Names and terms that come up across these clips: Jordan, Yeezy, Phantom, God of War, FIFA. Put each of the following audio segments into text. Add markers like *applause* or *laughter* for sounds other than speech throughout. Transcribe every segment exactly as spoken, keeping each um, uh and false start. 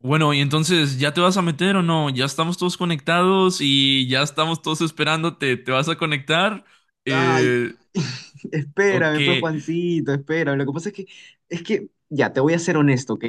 Bueno, y entonces, ¿ya te vas a meter o no? Ya estamos todos conectados y ya estamos todos esperándote. ¿Te vas a conectar? Ay, Eh, ¿o espérame, pues qué? Juancito, espérame. Lo que pasa es que, es que, ya, te voy a ser honesto, ¿ok?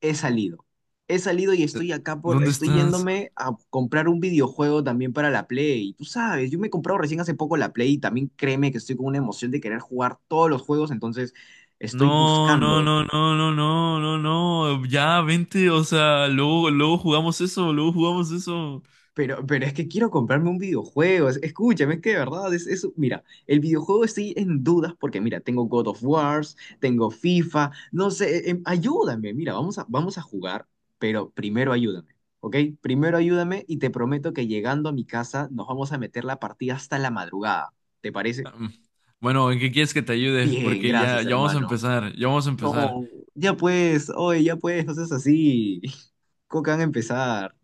He salido. He salido y Eh, estoy acá por, ¿Dónde estoy estás? yéndome a comprar un videojuego también para la Play. Tú sabes, yo me he comprado recién hace poco la Play y también créeme que estoy con una emoción de querer jugar todos los juegos, entonces estoy No, no, buscando. no, no, no, no, no, no. Ya, vente, o sea, luego, luego jugamos eso, luego jugamos eso. Pero, pero es que quiero comprarme un videojuego. Es- Escúchame, es que de verdad es eso. Mira, el videojuego estoy en dudas porque, mira, tengo God of Wars, tengo FIFA, no sé, eh, em, ayúdame. Mira, vamos a, vamos a jugar, pero primero ayúdame, ¿ok? Primero ayúdame y te prometo que llegando a mi casa nos vamos a meter la partida hasta la madrugada. ¿Te parece? Ah, mm. Bueno, ¿en qué quieres que te ayude? Bien, Porque ya, gracias, ya vamos a hermano. empezar, ya vamos a empezar. No, ya pues, oye, ya pues, no seas así. *laughs* ¿Cómo que van a empezar?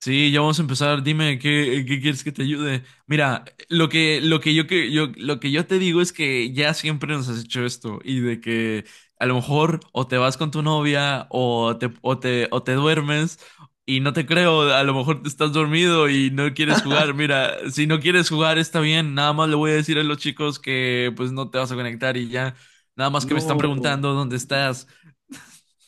Sí, ya vamos a empezar. Dime qué, qué quieres que te ayude. Mira, lo que, lo que yo que yo, lo que yo te digo es que ya siempre nos has hecho esto y de que a lo mejor o te vas con tu novia o te, o te, o te duermes y no te creo. A lo mejor te estás dormido y no quieres jugar. Mira, si no quieres jugar está bien. Nada más le voy a decir a los chicos que pues no te vas a conectar y ya. Nada más que me están No. preguntando dónde estás.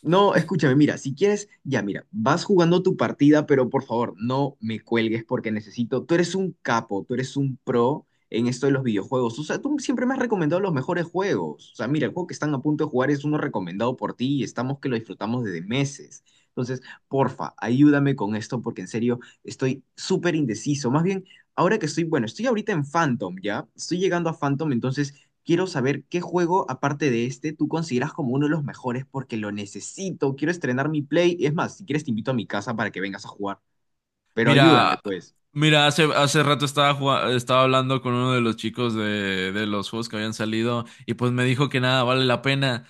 No, escúchame, mira, si quieres, ya mira, vas jugando tu partida, pero por favor, no me cuelgues porque necesito, tú eres un capo, tú eres un pro en esto de los videojuegos. O sea, tú siempre me has recomendado los mejores juegos. O sea, mira, el juego que están a punto de jugar es uno recomendado por ti y estamos que lo disfrutamos desde meses. Entonces, porfa, ayúdame con esto porque en serio estoy súper indeciso. Más bien, ahora que estoy, bueno, estoy ahorita en Phantom, ¿ya? Estoy llegando a Phantom, entonces... Quiero saber qué juego, aparte de este, tú consideras como uno de los mejores porque lo necesito. Quiero estrenar mi Play. Es más, si quieres te invito a mi casa para que vengas a jugar. Pero ayúdame, Mira, pues. mira, hace, hace rato estaba, jua- estaba hablando con uno de los chicos de, de los juegos que habían salido y pues me dijo que nada vale la pena.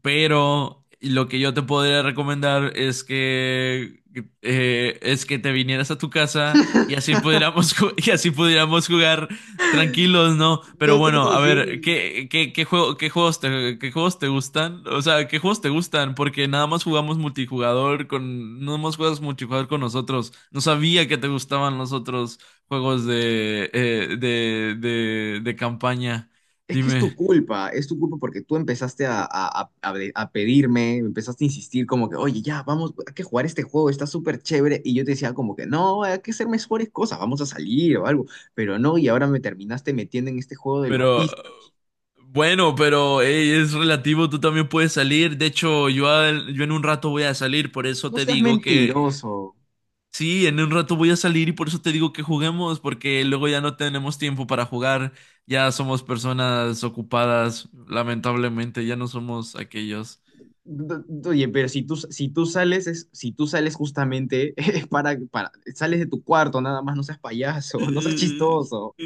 Pero lo que yo te podría recomendar es que eh, es que te vinieras a tu casa y así pudiéramos ju- *laughs* y así pudiéramos jugar tranquilos, ¿no? Pero No seas bueno, a ver, así. ¿qué, qué, qué juego, qué juegos te, qué juegos te gustan? O sea, ¿qué juegos te gustan? Porque nada más jugamos multijugador con, no más juegas multijugador con nosotros. No sabía que te gustaban los otros juegos de, eh, de, de, de campaña. Es que es tu Dime, culpa, es tu culpa porque tú empezaste a, a- a- a de- a pedirme, empezaste a insistir como que, oye, ya, vamos, hay que jugar este juego, está súper chévere. Y yo te decía como que, no, hay que hacer mejores cosas, vamos a salir o algo. Pero no, y ahora me terminaste metiendo en este juego de los pero. vicios. Bueno, pero ey, es relativo, tú también puedes salir. De hecho, yo, al- yo en un rato voy a salir, por eso No te seas digo que mentiroso. sí, en un rato voy a salir y por eso te digo que juguemos, porque luego ya no tenemos tiempo para jugar, ya somos personas ocupadas, lamentablemente, ya no somos aquellos. D- Oye, pero si tú, si tú sales, es, si tú sales justamente *laughs* para, para, sales de tu cuarto, nada más, no seas payaso, *laughs* no seas chistoso.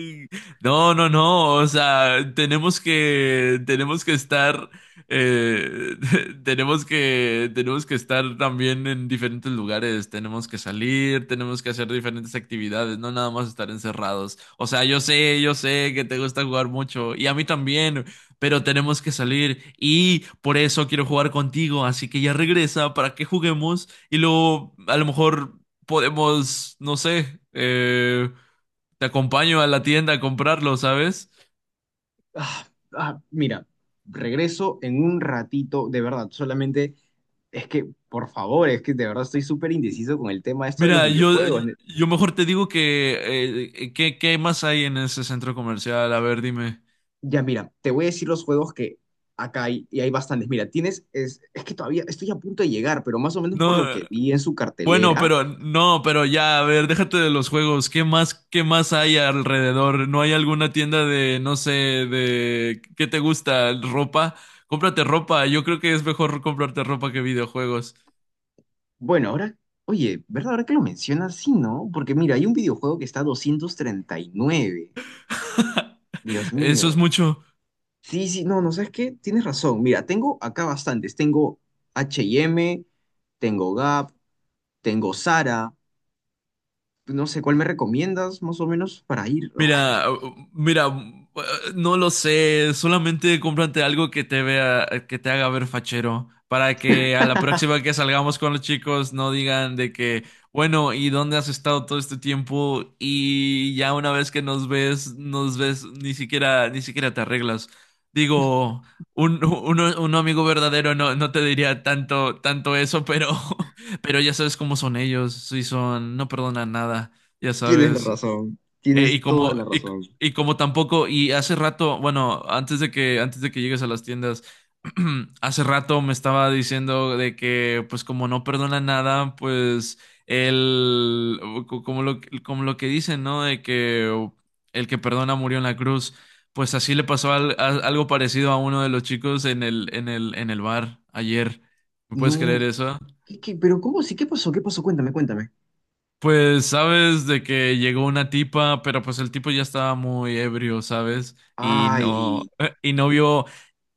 No, no, no, o sea, tenemos que, tenemos que estar, eh, *laughs* tenemos que, tenemos que estar también en diferentes lugares, tenemos que salir, tenemos que hacer diferentes actividades, no nada más estar encerrados. O sea, yo sé, yo sé que te gusta jugar mucho y a mí también, pero tenemos que salir y por eso quiero jugar contigo, así que ya regresa para que juguemos y luego a lo mejor podemos, no sé, eh te acompaño a la tienda a comprarlo, ¿sabes? Ah, ah, mira, regreso en un ratito, de verdad, solamente es que, por favor, es que de verdad estoy súper indeciso con el tema esto de los Mira, yo, videojuegos. yo mejor te digo que, eh, ¿qué, qué más hay en ese centro comercial? A ver, dime. Ya, mira, te voy a decir los juegos que acá hay, y hay bastantes. Mira, tienes, es, es que todavía estoy a punto de llegar, pero más o menos por lo No, que vi en su bueno, cartelera. pero no, pero ya, a ver, déjate de los juegos. ¿Qué más, qué más hay alrededor? ¿No hay alguna tienda de, no sé, de qué te gusta? ¿Ropa? Cómprate ropa. Yo creo que es mejor comprarte ropa que videojuegos. Bueno, ahora, oye, ¿verdad? Ahora que lo mencionas, sí, ¿no? Porque mira, hay un videojuego que está a doscientos treinta y nueve. Dios Eso es mío. mucho. Sí, sí, no, no, ¿sabes qué? Tienes razón. Mira, tengo acá bastantes. Tengo H and M, tengo Gap, tengo Zara. No sé, ¿cuál me recomiendas más o menos para ir? Ay, Mira, uh, mira, uh, no lo sé, solamente cómprate algo que te vea, que te haga ver fachero, para que a la próxima que salgamos con los chicos no digan de que, bueno, ¿y dónde has estado todo este tiempo? Y ya una vez que nos ves, nos ves, ni siquiera, ni siquiera te arreglas. Digo, un, un, un amigo verdadero no, no te diría tanto, tanto eso, pero, *laughs* pero ya sabes cómo son ellos, sí son, no perdonan nada. Ya tienes la sabes, razón. eh, y Tienes como, toda la y, razón. y como tampoco, y hace rato, bueno, antes de que, antes de que llegues a las tiendas, *clears throat* hace rato me estaba diciendo de que, pues como no perdona nada, pues el, co- como lo, como lo que dicen, ¿no? De que el que perdona murió en la cruz, pues así le pasó al- a- algo parecido a uno de los chicos en el, en el, en el bar ayer. ¿Me puedes No, creer eso? ¿qué, qué? ¿Pero cómo sí? ¿Qué pasó? ¿Qué pasó? Cuéntame, cuéntame. Pues sabes de que llegó una tipa, pero pues el tipo ya estaba muy ebrio, ¿sabes? Y no, Ay, eh, y no vio,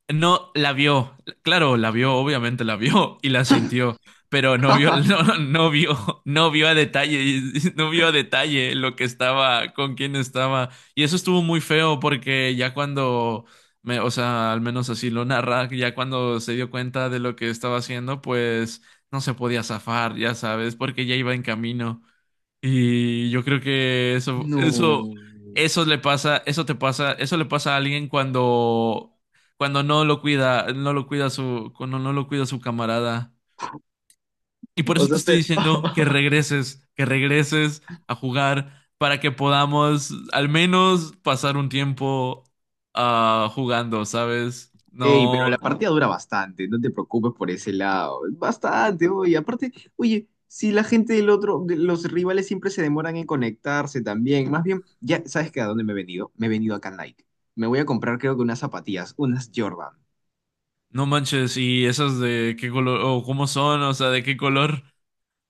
no la vio, claro, la vio, obviamente la vio y la sintió, pero no vio, *laughs* *laughs* no, no vio, no vio a detalle, *laughs* y- y no vio a detalle lo que estaba, con quién estaba. Y eso estuvo muy feo porque ya cuando me, o sea, al menos así lo narra, ya cuando se dio cuenta de lo que estaba haciendo, pues no se podía zafar, ya sabes, porque ya iba en camino. Y yo creo que eso, eso, no. eso le pasa, eso te pasa, eso le pasa a alguien cuando, cuando no lo cuida, no lo cuida su, cuando no lo cuida su camarada. Y por O eso sea, te estoy se... diciendo *laughs* que regreses, que regreses a jugar para que podamos al menos pasar un tiempo ah, jugando, ¿sabes? ¡Ey! Pero No, la partida dura bastante, no te preocupes por ese lado. Bastante, oye. Aparte, oye, si la gente del otro, de los rivales siempre se demoran en conectarse también. Más bien, ya, ¿sabes qué? ¿A dónde me he venido? Me he venido acá a Nike. Me voy a comprar, creo que unas zapatillas, unas Jordan. no manches, y esas de qué color, o cómo son, o sea, de qué color.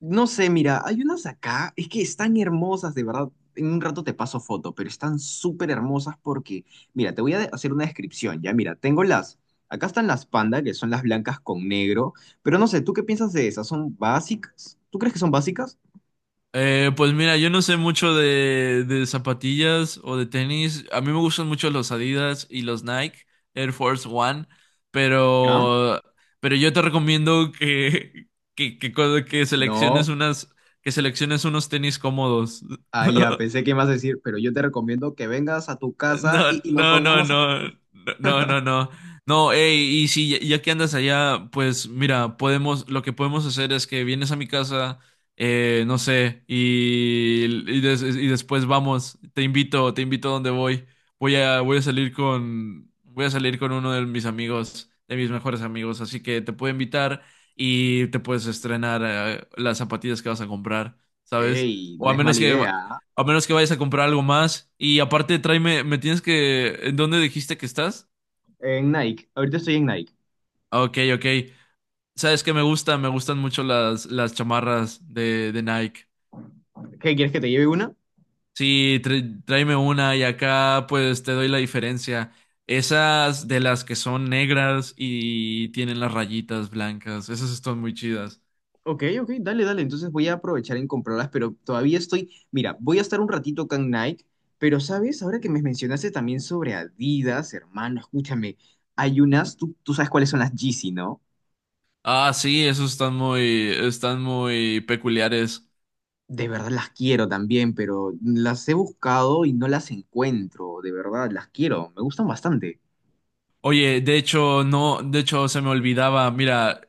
No sé, mira, hay unas acá, es que están hermosas, de verdad. En un rato te paso foto, pero están súper hermosas porque, mira, te voy a de- hacer una descripción, ya, mira, tengo las, acá están las panda, que son las blancas con negro, pero no sé, ¿tú qué piensas de esas? ¿Son básicas? ¿Tú crees que son básicas? Eh, pues mira, yo no sé mucho de, de zapatillas o de tenis. A mí me gustan mucho los Adidas y los Nike Air Force One, ¿Ya? pero, pero yo te recomiendo que, *laughs* que, que, co- que selecciones No, unas, que selecciones unos tenis cómodos. ah, ya, *laughs* pensé que ibas a decir, pero yo te recomiendo que vengas a tu casa y, No, y nos no, no, pongamos a... no, no, no, no. No, ey, y si ya, ya que andas allá, pues mira, podemos, lo que podemos hacer es que vienes a mi casa, eh, no sé, y, y, des- y después vamos, te invito, te invito a donde voy. Voy a, voy a salir con, voy a salir con uno de mis amigos, de mis mejores amigos, así que te puedo invitar y te puedes estrenar, eh, las zapatillas que vas a comprar, ¿sabes? ¡Ey! O No a es menos mala que, idea, ¿ah? a menos que vayas a comprar algo más. Y aparte, tráeme, me tienes que... ¿En dónde dijiste que estás? En Nike, ahorita estoy en Nike. Ah, ok, ok. Sabes que me gusta, me gustan mucho las, las chamarras de, de Nike. ¿Qué, quieres que te lleve una? Sí, tr- tráeme una y acá pues te doy la diferencia. Esas de las que son negras y tienen las rayitas blancas, esas están muy chidas. Ok, ok, dale, dale. Entonces voy a aprovechar en comprarlas, pero todavía estoy. Mira, voy a estar un ratito con Nike, pero sabes, ahora que me mencionaste también sobre Adidas, hermano, escúchame. Hay unas, tú, tú sabes cuáles son las Yeezy, ¿no? Ah, sí, esos están muy, están muy peculiares. De verdad las quiero también, pero las he buscado y no las encuentro. De verdad, las quiero. Me gustan bastante. Oye, de hecho, no, de hecho se me olvidaba, mira,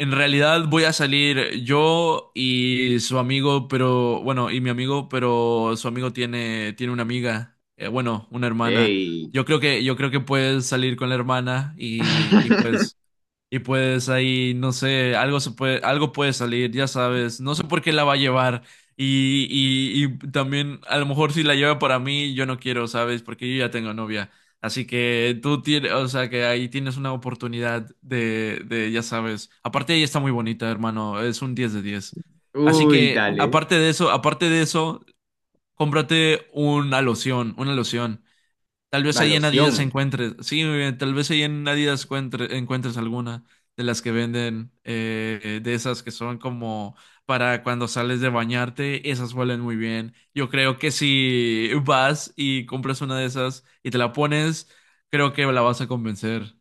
en realidad voy a salir yo y su amigo, pero bueno, y mi amigo, pero su amigo tiene, tiene una amiga, eh, bueno, una hermana. ¡Ey! Yo creo que, yo creo que puedes salir con la hermana y, y pues *laughs* y pues ahí, no sé, algo se puede, algo puede salir, ya sabes. No sé por qué la va a llevar. Y, y, y también, a lo mejor si la lleva para mí, yo no quiero, ¿sabes? Porque yo ya tengo novia. Así que tú tienes, o sea, que ahí tienes una oportunidad de, de, ya sabes. Aparte, ella está muy bonita, hermano. Es un diez de diez. Así Uy, que, dale. aparte de eso, aparte de eso, cómprate una loción, una loción. Tal vez La ahí en Adidas loción. encuentres, sí, muy bien, tal vez ahí en Adidas encuentre- encuentres alguna de las que venden, eh, eh, de esas que son como para cuando sales de bañarte, esas huelen muy bien. Yo creo que si vas y compras una de esas y te la pones, creo que la vas a convencer.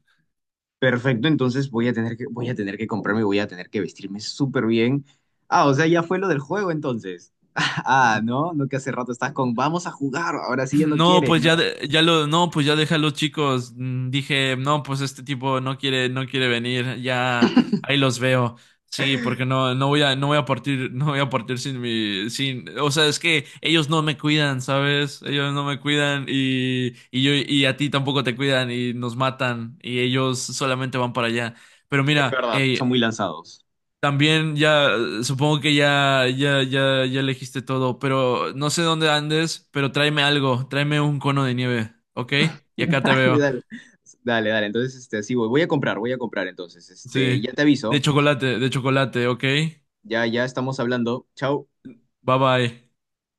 Perfecto, entonces voy a tener que, voy a tener que comprarme, voy a tener que vestirme súper bien. Ah, o sea, ya fue lo del juego entonces. *laughs* Ah, no, no que hace rato estás con, vamos a jugar, ahora *clears throat* sí ya no No, quieres, pues ya, ¿no? de- ya lo, no, pues ya deja a los chicos. Mm, dije, no, pues este tipo no quiere, no quiere venir. Ya, ahí los veo. Sí, porque no, no voy a, no voy a partir, *laughs* no voy a partir sin mi, sin, o sea, es que ellos no me cuidan, ¿sabes? Ellos no me cuidan y, y yo, y a ti tampoco te cuidan y nos matan y ellos solamente van para allá. Pero Es mira, verdad, hey, son muy lanzados. también ya, eh, supongo que ya, ya, ya, ya elegiste todo, pero no sé dónde andes, pero tráeme algo, tráeme un cono de nieve, ¿ok? Y acá te *laughs* Dale, veo, dale, dale, dale, entonces, este, sí, voy, voy a comprar, voy a comprar entonces, este, sí, ya te de aviso, chocolate, de chocolate, ¿ok? Bye ya, ya estamos hablando, chao. bye.